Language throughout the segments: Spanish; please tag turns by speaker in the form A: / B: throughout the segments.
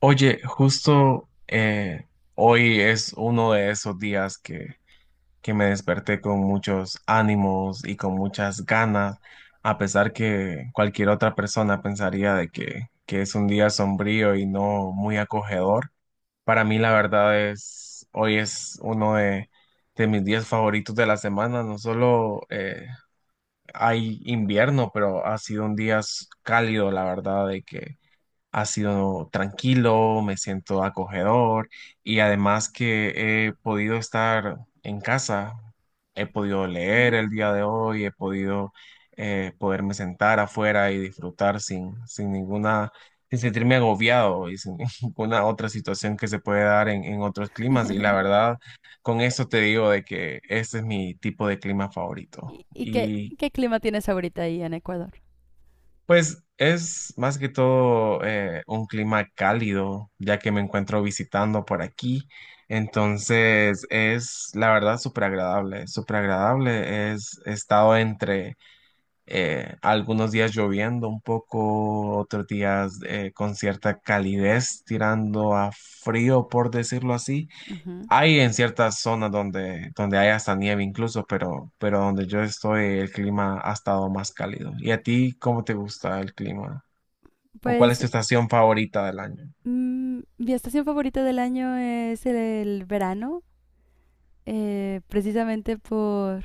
A: Oye, justo hoy es uno de esos días que me desperté con muchos ánimos y con muchas ganas, a pesar que cualquier otra persona pensaría de que es un día sombrío y no muy acogedor. Para mí, la verdad es, hoy es uno de mis días favoritos de la semana. No solo hay invierno, pero ha sido un día cálido, la verdad, de que ha sido tranquilo, me siento acogedor y además que he podido estar en casa, he podido
B: ¿Mm?
A: leer el día de hoy, he podido poderme sentar afuera y disfrutar sin ninguna, sin sentirme agobiado y sin ninguna otra situación que se puede dar en otros climas. Y la verdad, con eso te digo de que ese es mi tipo de clima favorito.
B: ¿Y qué,
A: Y
B: qué clima tienes ahorita ahí en Ecuador?
A: pues es más que todo un clima cálido, ya que me encuentro visitando por aquí. Entonces es, la verdad, súper agradable, súper agradable. Es, he estado entre algunos días lloviendo un poco, otros días con cierta calidez, tirando a frío, por decirlo así.
B: Ujú.
A: Hay en ciertas zonas donde hay hasta nieve incluso, pero donde yo estoy el clima ha estado más cálido. ¿Y a ti cómo te gusta el clima? ¿O cuál es
B: Pues
A: tu estación favorita del año?
B: mi estación favorita del año es el verano, precisamente por,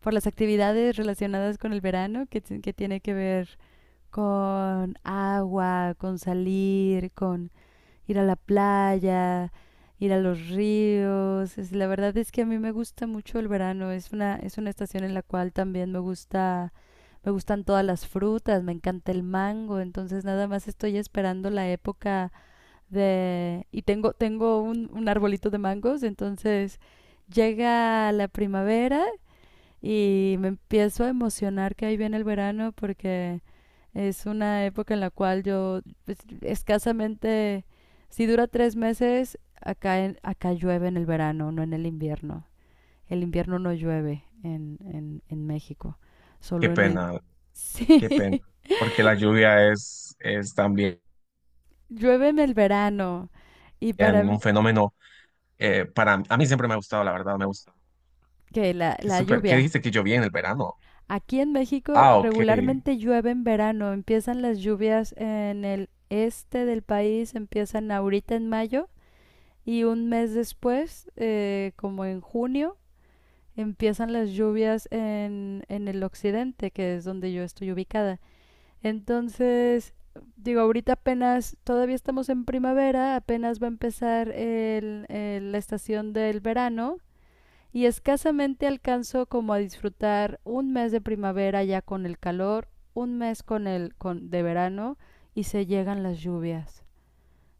B: por las actividades relacionadas con el verano, que tiene que ver con agua, con salir, con ir a la playa, ir a los ríos. La verdad es que a mí me gusta mucho el verano. Es una estación en la cual también me gustan todas las frutas, me encanta el mango. Entonces nada más estoy esperando la época de. Y tengo un arbolito de mangos, entonces llega la primavera y me empiezo a emocionar que ahí viene el verano porque es una época en la cual yo, pues, escasamente, si dura 3 meses, acá, acá llueve en el verano, no en el invierno. El invierno no llueve en México,
A: Qué
B: solo en el.
A: pena,
B: Sí,
A: qué pena. Porque la lluvia es también
B: llueve en el verano. Y para m-
A: un fenómeno para a mí siempre me ha gustado, la verdad, me gusta.
B: que la,
A: Qué
B: la
A: súper. ¿Qué
B: lluvia.
A: dijiste que llovía en el verano?
B: Aquí en México
A: Ah, ok.
B: regularmente llueve en verano, empiezan las lluvias en el este del país, empiezan ahorita en mayo y un mes después, como en junio, empiezan las lluvias en el occidente, que es donde yo estoy ubicada. Entonces, digo, ahorita apenas, todavía estamos en primavera, apenas va a empezar la estación del verano y escasamente alcanzo como a disfrutar un mes de primavera ya con el calor, un mes de verano y se llegan las lluvias.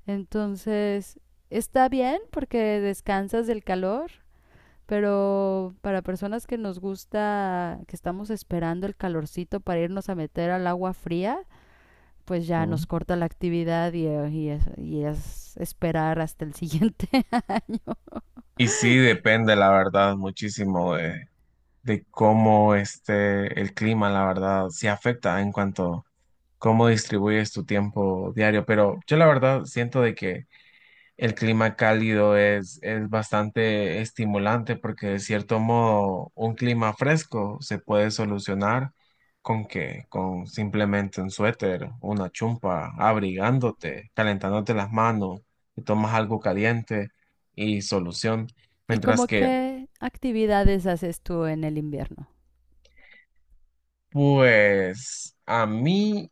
B: Entonces, está bien porque descansas del calor, pero para personas que nos gusta, que estamos esperando el calorcito para irnos a meter al agua fría, pues ya nos
A: Mm.
B: corta la actividad y es esperar hasta el siguiente.
A: Y sí, depende, la verdad, muchísimo de cómo este el clima, la verdad, se afecta en cuanto cómo distribuyes tu tiempo diario, pero yo la verdad siento de que el clima cálido es bastante estimulante porque de cierto modo un clima fresco se puede solucionar con que con simplemente un suéter, una chumpa, abrigándote, calentándote las manos, te tomas algo caliente y solución,
B: ¿Y
A: mientras
B: como
A: que
B: qué actividades haces tú en el invierno?
A: pues a mí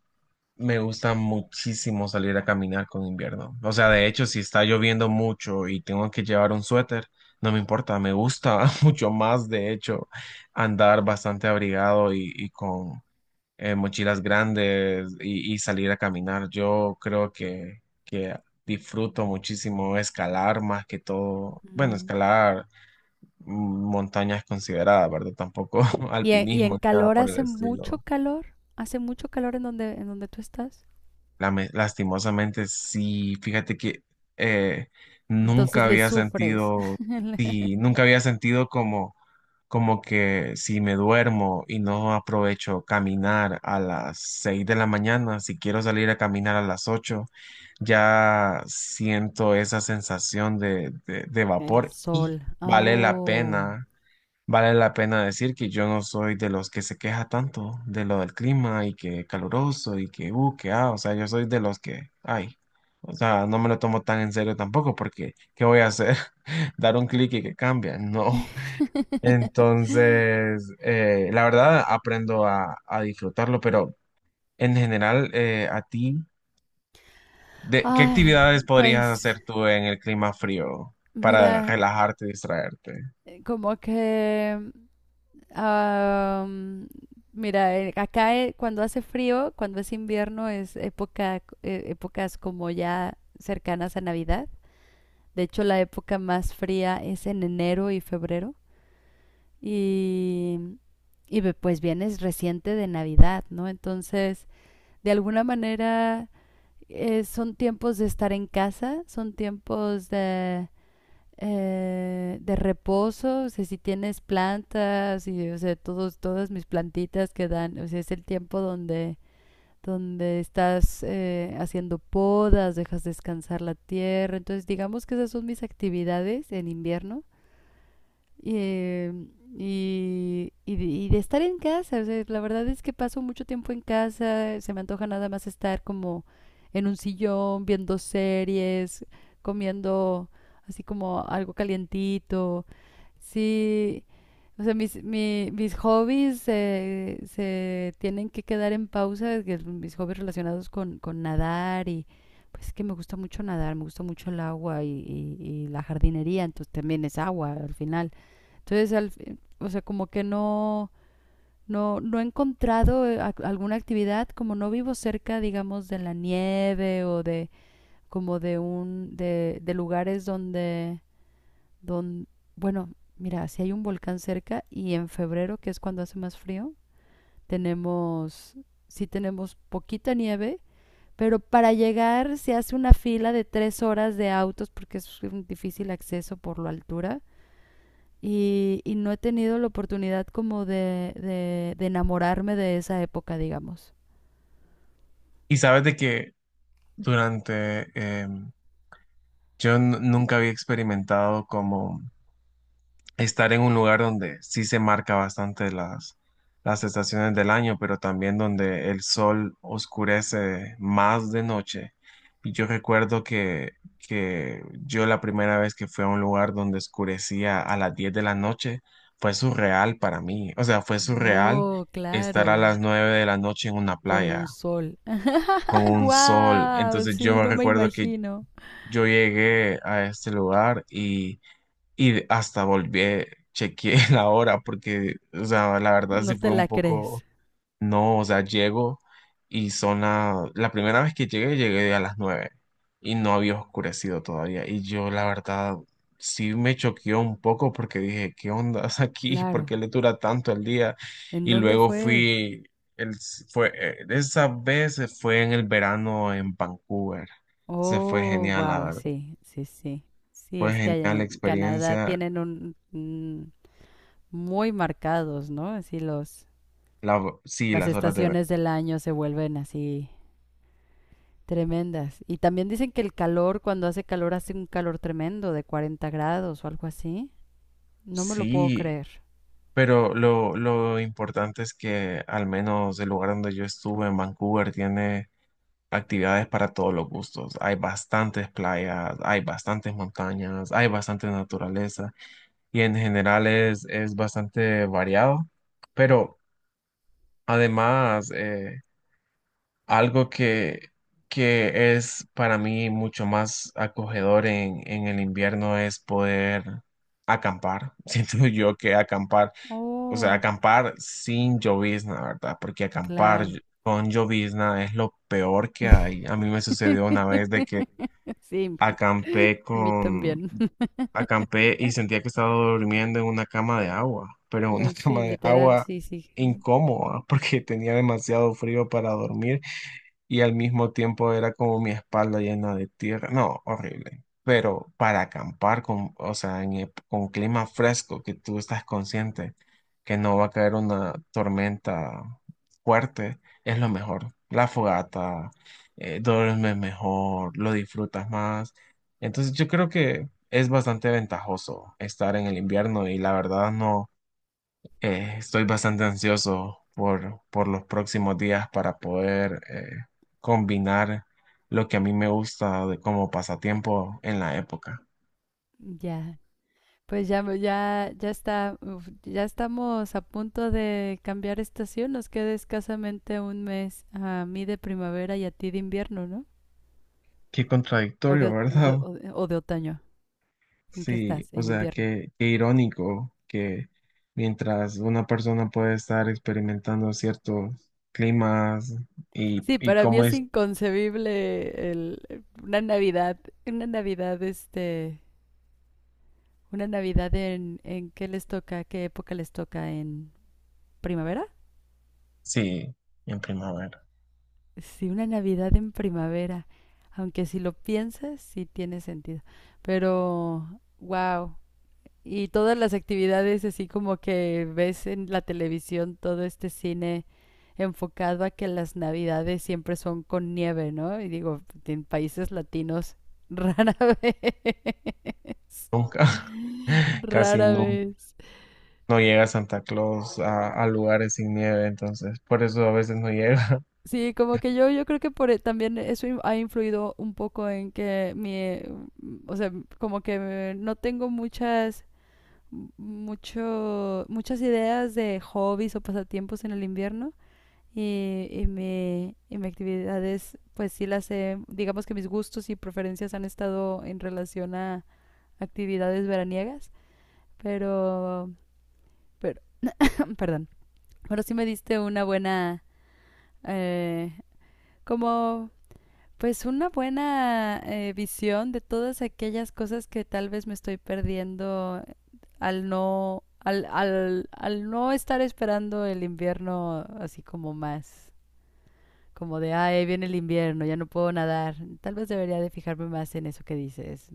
A: me gusta muchísimo salir a caminar con invierno. O sea, de hecho, si está lloviendo mucho y tengo que llevar un suéter, no me importa. Me gusta mucho más, de hecho, andar bastante abrigado y con mochilas grandes y salir a caminar. Yo creo que disfruto muchísimo escalar más que todo. Bueno,
B: Mm.
A: escalar mm, montañas consideradas, ¿verdad? Tampoco
B: ¿Y en
A: alpinismo, nada
B: calor
A: por el
B: hace mucho
A: estilo.
B: calor? ¿Hace mucho calor en donde tú estás?
A: Lastimosamente, sí, fíjate que eh,
B: Entonces
A: nunca
B: le
A: había
B: sufres
A: sentido,
B: el
A: sí, nunca había sentido como que si me duermo y no aprovecho caminar a las 6 de la mañana, si quiero salir a caminar a las 8 ya siento esa sensación de
B: el
A: vapor y
B: sol. Ah,
A: vale la
B: oh.
A: pena. Vale la pena decir que yo no soy de los que se queja tanto de lo del clima y que caluroso y que o sea, yo soy de los que, ay, o sea, no me lo tomo tan en serio tampoco porque, ¿qué voy a hacer? Dar un clic y que cambia, no. Entonces, la verdad, aprendo a disfrutarlo, pero en general, a ti, ¿qué
B: Ay,
A: actividades podrías
B: pues
A: hacer tú en el clima frío para
B: mira,
A: relajarte y distraerte?
B: como que, am, mira, acá cuando hace frío, cuando es invierno, épocas como ya cercanas a Navidad. De hecho, la época más fría es en enero y febrero. Y, pues vienes reciente de Navidad, ¿no? Entonces, de alguna manera, son tiempos de estar en casa, son tiempos de reposo, o sea, si tienes plantas y, o sea, todas mis plantitas que dan, o sea, es el tiempo donde, estás haciendo podas, dejas descansar la tierra. Entonces, digamos que esas son mis actividades en invierno. Eh, y de estar en casa. O sea, la verdad es que paso mucho tiempo en casa. Se me antoja nada más estar como en un sillón, viendo series, comiendo así como algo calientito. Sí, o sea, mis hobbies se tienen que quedar en pausa, que mis hobbies relacionados con nadar y pues es que me gusta mucho nadar, me gusta mucho el agua y la jardinería, entonces también es agua al final. Entonces, o sea, como que no he encontrado alguna actividad, como no vivo cerca, digamos, de la nieve o de, como de un, de lugares donde, don bueno, mira, si hay un volcán cerca y en febrero, que es cuando hace más frío, tenemos, sí tenemos poquita nieve, pero para llegar se hace una fila de 3 horas de autos porque es un difícil acceso por la altura. Y no he tenido la oportunidad como de enamorarme de esa época, digamos.
A: Y sabes de que durante, em, yo nunca había experimentado como estar en un lugar donde sí se marca bastante las estaciones del año, pero también donde el sol oscurece más de noche. Y yo recuerdo que yo la primera vez que fui a un lugar donde oscurecía a las 10 de la noche, fue surreal para mí. O sea, fue surreal
B: Oh,
A: estar a
B: claro,
A: las 9 de la noche en una
B: con un
A: playa
B: sol. ¡Ah,
A: con un sol.
B: guau!
A: Entonces yo
B: Sí,
A: me
B: no me
A: recuerdo que
B: imagino.
A: yo llegué a este lugar y hasta volví, chequeé la hora porque, o sea, la verdad
B: No
A: sí
B: te
A: fue
B: la
A: un poco,
B: crees.
A: no, o sea, llego y son la primera vez que llegué a las 9 y no había oscurecido todavía. Y yo, la verdad, sí me choqueó un poco porque dije, ¿qué onda aquí? ¿Por qué
B: Claro.
A: le dura tanto el día?
B: ¿En
A: Y
B: dónde
A: luego
B: fue?
A: el, esa vez fue en el verano en Vancouver. Se fue
B: Oh,
A: genial, la
B: wow,
A: verdad.
B: sí, sí, sí. Sí,
A: Fue
B: es que allá
A: genial la
B: en Canadá
A: experiencia.
B: tienen muy marcados, ¿no? Así los
A: Sí,
B: las
A: las horas de verano.
B: estaciones del año se vuelven así tremendas. Y también dicen que el calor, cuando hace calor, hace un calor tremendo de 40 grados o algo así. No me lo puedo
A: Sí,
B: creer.
A: pero lo importante es que al menos el lugar donde yo estuve, en Vancouver, tiene actividades para todos los gustos. Hay bastantes playas, hay bastantes montañas, hay bastante naturaleza y en general es bastante variado. Pero además, algo que es para mí mucho más acogedor en el invierno es poder acampar. Siento yo que acampar, o sea,
B: Oh,
A: acampar sin llovizna, ¿verdad? Porque acampar
B: claro.
A: con llovizna es lo peor que hay. A mí me sucedió una vez de que
B: Sí,
A: acampé
B: a mí
A: con,
B: también.
A: acampé y sentía que estaba durmiendo en una cama de agua, pero en una
B: No, sí,
A: cama de
B: literal,
A: agua
B: sí, sí.
A: incómoda porque tenía demasiado frío para dormir y al mismo tiempo era como mi espalda llena de tierra. No, horrible. Pero para acampar o sea, con clima fresco, que tú estás consciente que no va a caer una tormenta fuerte, es lo mejor. La fogata, duermes mejor, lo disfrutas más. Entonces yo creo que es bastante ventajoso estar en el invierno y la verdad no. Estoy bastante ansioso por los próximos días para poder combinar lo que a mí me gusta de como pasatiempo en la época.
B: Ya. Pues ya, ya, ya está, uf, ya estamos a punto de cambiar estación. Nos queda escasamente un mes a mí de primavera y a ti de invierno, ¿no?
A: Qué
B: O de,
A: contradictorio,
B: o- o de,
A: ¿verdad?
B: o de otoño. ¿En qué estás?
A: Sí, o
B: En
A: sea,
B: invierno.
A: qué irónico que mientras una persona puede estar experimentando ciertos climas y,
B: Sí,
A: y
B: para mí
A: cómo
B: es
A: es,
B: inconcebible una Navidad, una Navidad, una Navidad en qué les toca, qué época les toca, en primavera.
A: sí, en primavera,
B: Sí, una Navidad en primavera, aunque si lo piensas, sí tiene sentido. Pero, wow. Y todas las actividades así como que ves en la televisión todo este cine enfocado a que las navidades siempre son con nieve, ¿no? Y digo, en países latinos rara vez.
A: nunca, casi
B: Rara
A: nunca.
B: vez.
A: No llega Santa Claus a lugares sin nieve, entonces por eso a veces no llega.
B: Sí, como que yo creo que también eso ha influido un poco o sea, como que no tengo muchas ideas de hobbies o pasatiempos en el invierno y mi actividades, pues sí las he, digamos que mis gustos y preferencias han estado en relación a actividades veraniegas, pero, pero perdón, pero sí me diste una buena, eh, como, pues una buena visión de todas aquellas cosas que tal vez me estoy perdiendo al no estar esperando el invierno así como más como de, ay, ahí viene el invierno, ya no puedo nadar. Tal vez debería de fijarme más en eso que dices,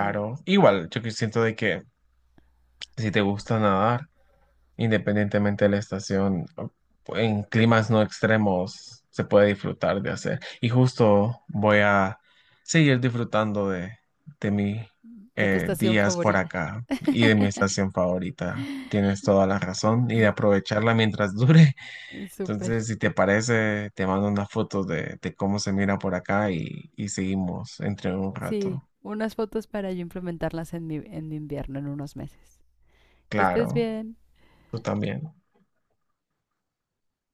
B: en-
A: igual yo que siento de que si te gusta nadar, independientemente de la estación, en climas no extremos se puede disfrutar de hacer. Y justo voy a seguir disfrutando de mis
B: de tu estación
A: días por
B: favorita.
A: acá y de mi estación favorita. Tienes toda la razón y de aprovecharla mientras dure.
B: Súper.
A: Entonces, si te parece, te mando unas fotos de cómo se mira por acá y seguimos entre un
B: Sí,
A: rato.
B: unas fotos para yo implementarlas en mi, invierno en unos meses. Que estés
A: Claro,
B: bien.
A: tú también.